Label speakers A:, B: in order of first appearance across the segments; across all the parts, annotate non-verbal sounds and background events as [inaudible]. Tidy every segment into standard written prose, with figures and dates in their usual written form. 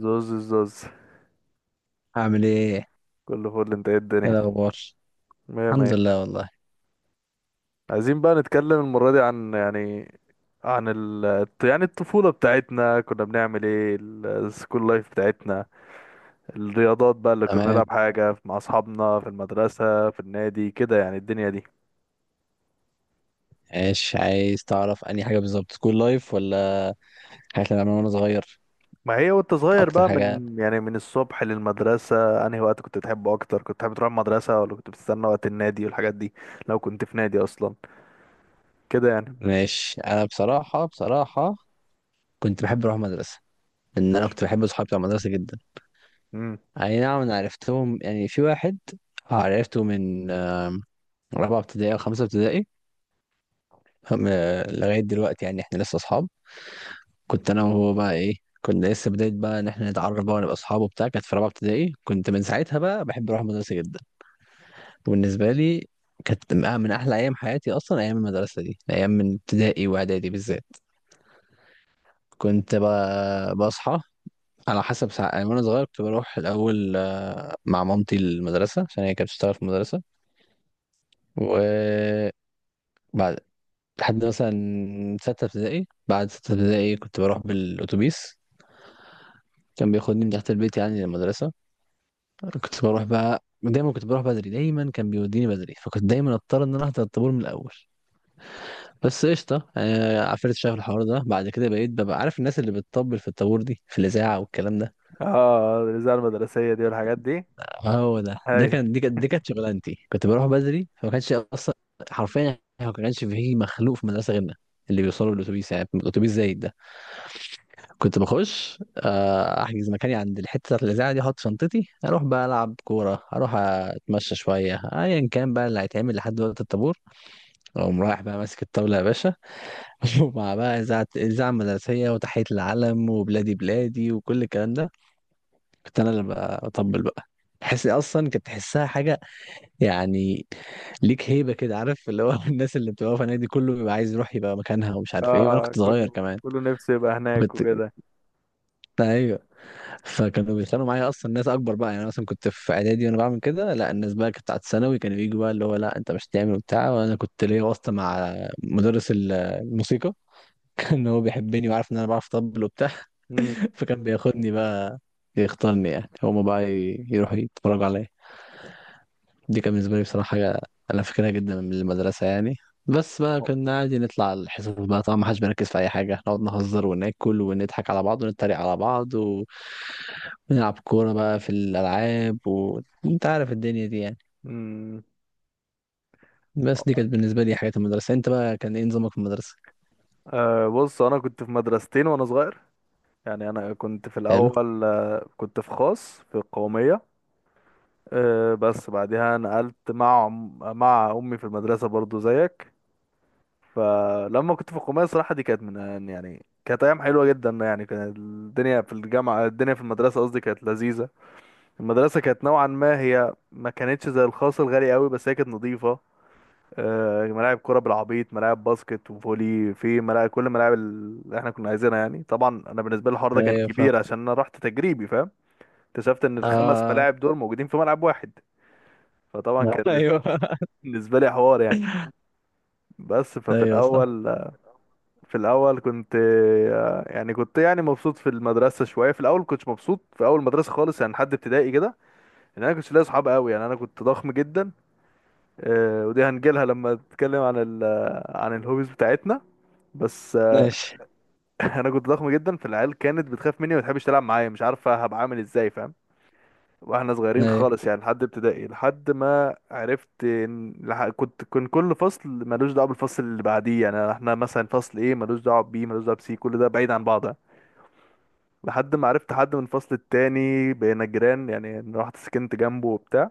A: زوز الزوز.
B: هعمل ايه؟
A: كل فل، انت ايه
B: ايه
A: الدنيا؟
B: الاخبار؟
A: مية
B: الحمد
A: مية.
B: لله والله.
A: عايزين بقى نتكلم المرة دي عن، يعني عن ال يعني الطفولة بتاعتنا، كنا بنعمل ايه؟ السكول لايف بتاعتنا، الرياضات بقى اللي كنا نلعب،
B: تمام.
A: حاجة مع أصحابنا في المدرسة، في النادي كده، يعني الدنيا دي.
B: ايش عايز تعرف انهي حاجه بالظبط، سكول لايف ولا حاجات اللي انا وانا صغير؟
A: ما هي وانت صغير
B: اكتر
A: بقى،
B: حاجه؟
A: من الصبح للمدرسة انهي وقت كنت تحبه أكتر؟ كنت تحب تروح المدرسة، ولا كنت بتستنى وقت النادي والحاجات دي؟ لو كنت في نادي أصلا، كده يعني.
B: ماشي. انا بصراحه كنت بحب اروح مدرسه، لان انا كنت بحب اصحابي بتوع المدرسه جدا.
A: امم
B: اي نعم، انا عرفتهم يعني في واحد عرفته من رابعه ابتدائي او خمسه ابتدائي، لغايه دلوقتي يعني احنا لسه اصحاب. كنت انا وهو بقى ايه، كنا لسه بداية بقى إن إحنا نتعرف بقى ونبقى أصحاب وبتاع، كانت في رابعة ابتدائي، كنت من ساعتها بقى بحب أروح المدرسة جدا. بالنسبة لي كانت من أحلى أيام حياتي أصلا، أيام المدرسة دي، أيام من ابتدائي وإعدادي بالذات. بصحى على حسب ساعة، يعني وأنا صغير كنت بروح الأول، مع مامتي المدرسة عشان هي كانت بتشتغل في المدرسة. وبعد لحد مثلا ستة ابتدائي، بعد ستة ابتدائي كنت بروح بالأتوبيس، كان بياخدني من تحت البيت يعني للمدرسة. كنت بروح بقى دايما، كنت بروح بدري دايما، كان بيوديني بدري، فكنت دايما اضطر ان انا احضر الطابور من الاول. بس قشطه، عفريت شاف الحوار ده. بعد كده بقيت ببقى عارف الناس اللي بتطبل في الطابور دي في الاذاعه والكلام ده.
A: اه الاذاعه المدرسيه دي والحاجات دي.
B: هو ده، ده
A: ايوه.
B: كان دي كانت دي كانت شغلانتي. كنت بروح بدري، فما كانش اصلا، حرفيا ما كانش فيه مخلوق في المدرسه غيرنا اللي بيوصلوا بالاتوبيس، يعني الاتوبيس زايد ده. كنت بخش، احجز مكاني عند الحته بتاعت الاذاعه دي، احط شنطتي، اروح بقى العب كوره، اروح اتمشى شويه، ايا كان بقى اللي هيتعمل لحد وقت الطابور. اقوم رايح بقى ماسك الطاوله يا باشا. [laughs] ومع بقى إذاعة مدرسية وتحية العلم وبلادي بلادي وكل الكلام ده، كنت أنا اللي بطبل بقى. تحس أصلا، كنت تحسها حاجة يعني، ليك هيبة كده، عارف اللي هو، [laughs] الناس اللي بتبقى في النادي كله بيبقى عايز يروح يبقى مكانها ومش عارف إيه، وأنا
A: اه،
B: كنت صغير
A: كله
B: كمان.
A: كله نفسه يبقى هناك
B: فكنت
A: وكده.
B: [laughs] أيوه. فكانوا بيتخانقوا معايا أصلا ناس أكبر بقى، يعني أنا مثلا كنت في إعدادي وأنا بعمل كده، لا الناس بقى كانت بتاعت ثانوي كانوا ييجوا بقى اللي هو لا أنت مش هتعمل وبتاع، وأنا كنت ليا واسطة مع مدرس الموسيقى، [laughs] ان هو بيحبني وعارف ان انا بعرف اطبل وبتاع.
A: امم.
B: [laughs] فكان بياخدني بقى، يختارني يعني، هما بقى يروحوا يتفرجوا عليا. دي كان بالنسبة لي بصراحة حاجة أنا فاكرها جدا من المدرسة يعني. بس بقى كنا عادي نطلع الحصص بقى، طبعا ما حدش بيركز في أي حاجة، نقعد نهزر وناكل ونضحك على بعض ونتريق على بعض ونلعب كورة بقى في الألعاب، وأنت عارف الدنيا دي يعني.
A: امم.
B: بس دي كانت بالنسبة لي حاجات المدرسة. أنت بقى كان إيه نظامك في المدرسة؟
A: آه، بص انا كنت في مدرستين وانا صغير. يعني انا كنت في
B: حلو.
A: الاول، كنت في خاص في القوميه. بس بعدها نقلت مع امي في المدرسه، برضو زيك. فلما كنت في القوميه، صراحه دي كانت من، كانت ايام حلوه جدا يعني. كانت الدنيا في الجامعه، الدنيا في المدرسه قصدي، كانت لذيذه. المدرسه كانت نوعا ما، هي ما كانتش زي الخاص الغالي قوي، بس هي كانت نظيفه. ملاعب كرة بالعبيط، ملاعب باسكت وفولي، في ملاعب، كل ملاعب اللي احنا كنا عايزينها يعني. طبعا انا بالنسبة لي الحوار ده كان
B: أيوه فاهم.
A: كبير، عشان انا رحت تجريبي، فاهم؟ اكتشفت ان الخمس
B: آه.
A: ملاعب دول موجودين في ملعب واحد. فطبعا
B: [laughs]
A: كان
B: أيوه.
A: بالنسبة لي حوار يعني. بس ففي
B: أيوه صح.
A: الاول، في الاول كنت، يعني كنت يعني مبسوط في المدرسة شوية. في الاول كنتش مبسوط في اول مدرسة خالص يعني، لحد ابتدائي كده. لان انا كنتش لاقي صحاب قوي يعني. انا كنت ضخم جدا، ودي هنجيلها لما اتكلم عن عن الهوبيز بتاعتنا، بس.
B: ماشي.
A: [laughs] انا كنت ضخم جدا، فالعيال كانت بتخاف مني وما تحبش تلعب معايا، مش عارفه هبقى عامل ازاي، فاهم؟ واحنا صغيرين
B: ايوه.
A: خالص يعني، لحد ابتدائي، لحد ما عرفت كنت كان كل فصل ملوش دعوه بالفصل اللي بعديه، يعني احنا مثلا فصل ايه ملوش دعوه بي، ملوش دعوه بسي، كل ده بعيد عن بعض. لحد ما عرفت حد من الفصل التاني بقينا جيران، يعني أنا رحت سكنت جنبه وبتاع.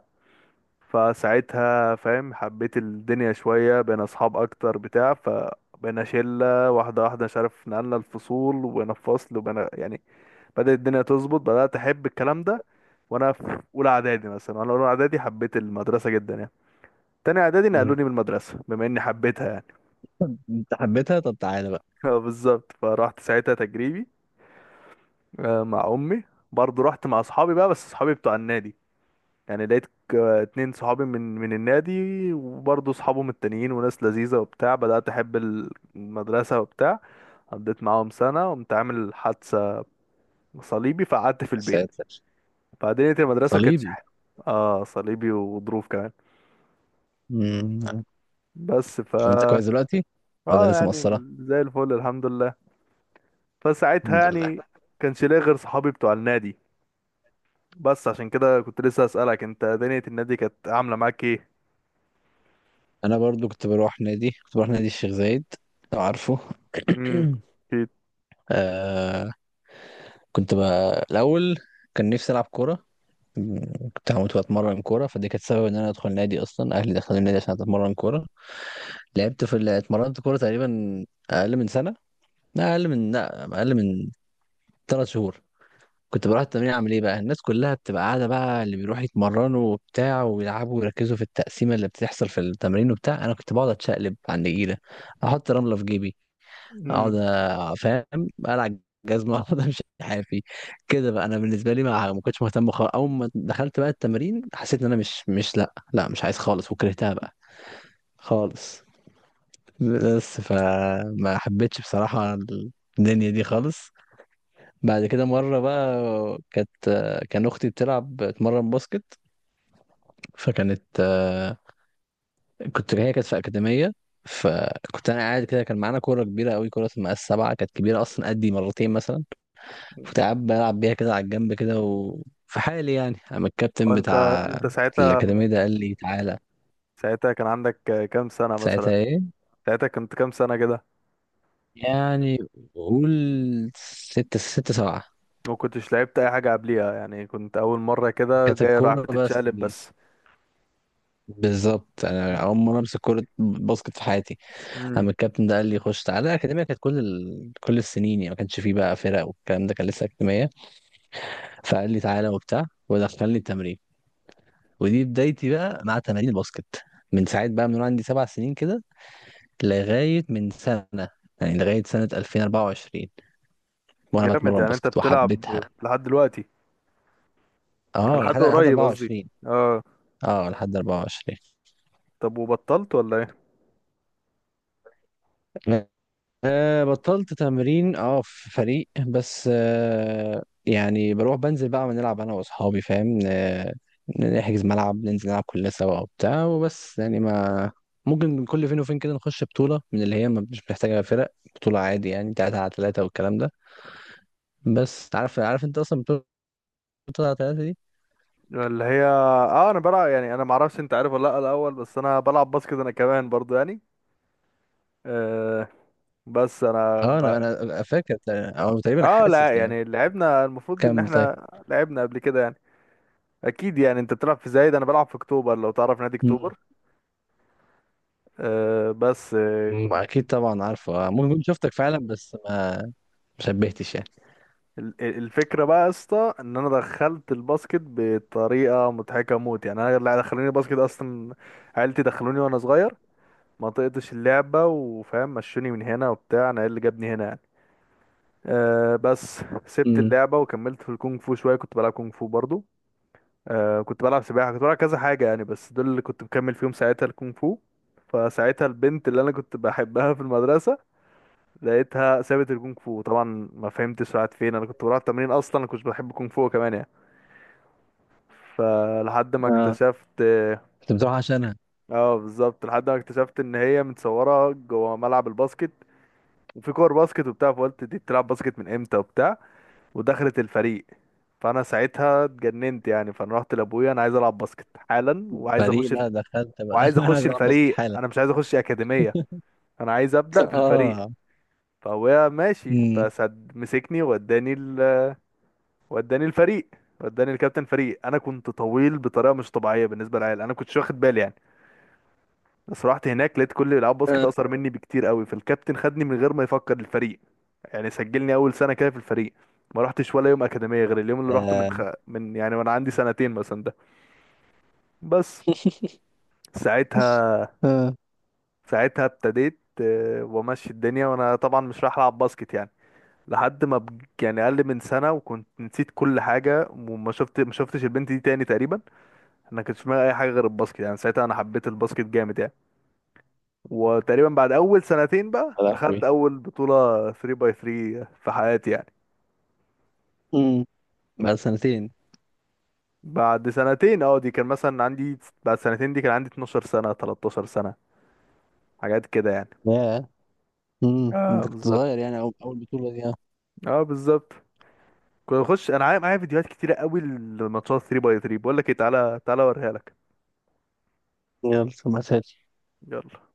A: فساعتها فاهم حبيت الدنيا شويه، بقينا اصحاب اكتر بتاع، ف، بقينا شلة واحدة. مش عارف نقلنا الفصول وبقينا في فصل وبقينا يعني، بدأت الدنيا تظبط، بدأت أحب الكلام ده. وأنا في أولى إعدادي مثلا، وأنا أولى إعدادي حبيت المدرسة جدا يعني. تاني إعدادي
B: مم.
A: نقلوني من المدرسة بما إني حبيتها يعني.
B: انت حبيتها؟ طب تعالى بقى.
A: [laughs] بالظبط، فرحت ساعتها تجريبي، مع أمي. برضه رحت مع أصحابي بقى، بس أصحابي بتوع النادي يعني. لقيت اتنين صحابي من النادي، وبرضه أصحابهم التانيين وناس لذيذة وبتاع. بدأت أحب المدرسة وبتاع. قضيت معاهم سنة وقمت عامل حادثة صليبي، فقعدت في
B: يا
A: البيت.
B: ساتر.
A: فدنيا المدرسة
B: صليبي.
A: اه، صليبي وظروف كمان،
B: مم.
A: بس ف.
B: طب انت كويس دلوقتي ولا
A: اه
B: لسه
A: يعني
B: مقصرة؟
A: زي الفل الحمد لله. فساعتها
B: الحمد لله.
A: يعني، كانش ليا غير صحابي بتوع النادي. بس عشان كده كنت لسه اسالك، انت دنيا النادي كانت عامله معاك ايه؟
B: انا برضو كنت بروح نادي، كنت بروح نادي الشيخ زايد، لو عارفه.
A: امم.
B: [clears throat]
A: اكيد.
B: آه. كنت بقى الاول، كان نفسي العب كورة، مم، كنت هموت واتمرن كورة. فدي كانت سبب ان انا ادخل نادي اصلا، اهلي دخلوا النادي عشان اتمرن كورة. لعبت اتمرنت كورة تقريبا اقل من سنة، لا اقل من 3 شهور. كنت بروح التمرين، اعمل ايه بقى، الناس كلها بتبقى قاعده بقى، اللي بيروحوا يتمرنوا وبتاع ويلعبوا ويركزوا في التقسيمه اللي بتحصل في التمرين وبتاع، انا كنت بقعد اتشقلب على النجيله، احط رمله في جيبي،
A: امم.
B: فاهم، العب جزمه، [laughs] اقعد امشي حافي كده بقى. انا بالنسبه لي ما كنتش مهتم خالص. اول ما دخلت بقى التمرين حسيت ان انا مش مش لا لا مش عايز خالص، وكرهتها بقى خالص. بس فما حبيتش بصراحه الدنيا دي خالص. بعد كده مرة بقى، كانت كان أختي بتلعب، بتمرن باسكت، فكانت آه، كنت هي كانت في أكاديمية. فكنت أنا قاعد كده، كان معانا كورة كبيرة أوي، كورة اسمها السبعة، كانت كبيرة أصلا قدي مرتين مثلا. كنت قاعد بلعب بيها كده على الجنب كده وفي حالي يعني، أما الكابتن
A: وانت
B: بتاع
A: انت ساعتها
B: الأكاديمية ده قال لي تعالى.
A: ساعتها كان عندك كام سنه مثلا؟
B: ساعتها إيه؟
A: ساعتها كنت كام سنه كده؟
B: يعني، قول، ستة، ستة سبعة.
A: ما كنتش لعبت اي حاجه قبليها يعني، كنت اول مره كده
B: كانت
A: جاي راح
B: الكورة بس
A: بتتشقلب
B: دي،
A: بس.
B: بالظبط أنا أول مرة أمسك كورة باسكت في حياتي.
A: امم.
B: اما الكابتن ده قال لي خش تعالى، الاكاديميه كانت كل ال... كل السنين يعني، ما كانش فيه بقى فرق والكلام ده، كان لسه اكاديميه. فقال لي تعالى وبتاع ودخلني التمرين، ودي بدايتي بقى مع تمارين الباسكت. من ساعه بقى، من وأنا عندي 7 سنين كده لغايه من سنه، يعني لغايه سنه 2024، وانا
A: جامد،
B: بتمرن
A: يعني انت
B: باسكت
A: بتلعب
B: وحبيتها.
A: لحد دلوقتي؟ يعني
B: اه
A: لحد
B: لحد
A: قريب قصدي.
B: 24.
A: اه.
B: اه لحد 24.
A: طب وبطلت ولا ايه؟
B: أه بطلت تمرين اه في فريق، بس أه يعني بروح بنزل بقى بنلعب انا واصحابي فاهم أه، نحجز ملعب ننزل نلعب كلنا سوا وبتاع وبس يعني ما، ممكن كل فين وفين كده نخش بطولة، من اللي هي مش محتاجة فرق، بطولة عادي يعني تلاتة على تلاتة والكلام ده. بس عارف، عارف انت اصلا بطولة تلاتة على تلاتة دي.
A: اللي هي، انا بلعب يعني، انا معرفش انت عارف ولا لا الاول، بس انا بلعب باسكت انا كمان برضو يعني. آه، بس انا
B: اه
A: ب...
B: انا، انا فاكر او تقريبا
A: اه،
B: حاسس
A: لا
B: يعني.
A: يعني لعبنا، المفروض ان
B: كمل طيب.
A: احنا لعبنا قبل كده يعني. اكيد يعني، انت بتلعب في زايد، انا بلعب في اكتوبر، لو تعرف نادي
B: مم.
A: اكتوبر. آه، بس كنت.
B: اكيد طبعا عارفه، ممكن كنت شفتك فعلا بس ما شبهتش يعني.
A: الفكره بقى يا اسطى، ان انا دخلت الباسكت بطريقه مضحكه موت يعني. انا اللي دخلوني الباسكت اصلا، عيلتي دخلوني وانا صغير. ما طقتش اللعبه، وفاهم مشوني من هنا وبتاع، انا إيه اللي جابني هنا يعني. أه، بس سبت اللعبة وكملت في الكونغ فو شوية، كنت بلعب كونغ فو برضو. أه، كنت بلعب سباحة، كنت بلعب كذا حاجة يعني، بس دول اللي كنت مكمل فيهم ساعتها الكونغ فو. فساعتها البنت اللي أنا كنت بحبها في المدرسة، لقيتها سابت الكونغ فو طبعا. ما فهمتش راحت فين. أنا كنت بروح التمرين أصلا، أنا كنت بحب الكونغ فو كمان يعني. فلحد ما
B: امم،
A: اكتشفت.
B: كنت بتروح عشانها؟
A: اه، بالظبط، لحد ما اكتشفت ان هي متصوره جوه ملعب الباسكت، وفي كور باسكت وبتاع، فقلت دي بتلعب باسكت من امتى وبتاع. ودخلت الفريق. فانا ساعتها اتجننت يعني، فانا رحت لابويا: انا عايز العب باسكت حالا، وعايز
B: فدي
A: اخش ال...
B: بقى دخلت بقى.
A: وعايز
B: [laughs] انا عايز
A: اخش
B: العب باسكت
A: الفريق،
B: حالا.
A: انا مش عايز اخش اكاديميه، انا عايز ابدا في الفريق.
B: اه.
A: فابويا ماشي،
B: امم.
A: فسد مسكني ووداني ال... وداني الفريق. وداني الكابتن فريق. انا كنت طويل بطريقه مش طبيعيه بالنسبه للعيال، انا كنتش واخد بالي يعني. بس رحت هناك لقيت كل اللي بيلعبوا باسكت
B: آه.
A: اقصر مني بكتير قوي، فالكابتن خدني من غير ما يفكر، الفريق. يعني سجلني اول سنه كده في الفريق. ما رحتش ولا يوم اكاديميه غير اليوم اللي رحته
B: آه.
A: من، يعني وانا عندي سنتين مثلا ده. بس.
B: آه. [laughs]
A: ساعتها، ابتديت، وامشي الدنيا، وانا طبعا مش رايح العب باسكت يعني. لحد ما يعني اقل من سنه، وكنت نسيت كل حاجه، وما شفت ما شفتش البنت دي تاني تقريبا. انا كنت في دماغي اي حاجه غير الباسكت يعني، ساعتها انا حبيت الباسكت جامد يعني. وتقريبا بعد اول سنتين بقى،
B: يا
A: دخلت
B: لهوي.
A: اول بطوله 3 باي 3 في حياتي يعني.
B: امم، بعد سنتين.
A: بعد سنتين، اه، دي كان مثلا عندي. بعد سنتين دي، كان عندي 12 سنة، 13 سنة، حاجات كده يعني.
B: ياه.
A: اه،
B: انت كنت
A: بالظبط.
B: صغير يعني، اول أول بطولة دي آه.
A: اه، بالظبط. كنت بخش انا، معايا فيديوهات كتيرة قوي لماتشات 3 باي 3. بقول لك ايه، تعالى تعالى اوريها لك.
B: يلا ما تهاتش.
A: يلا.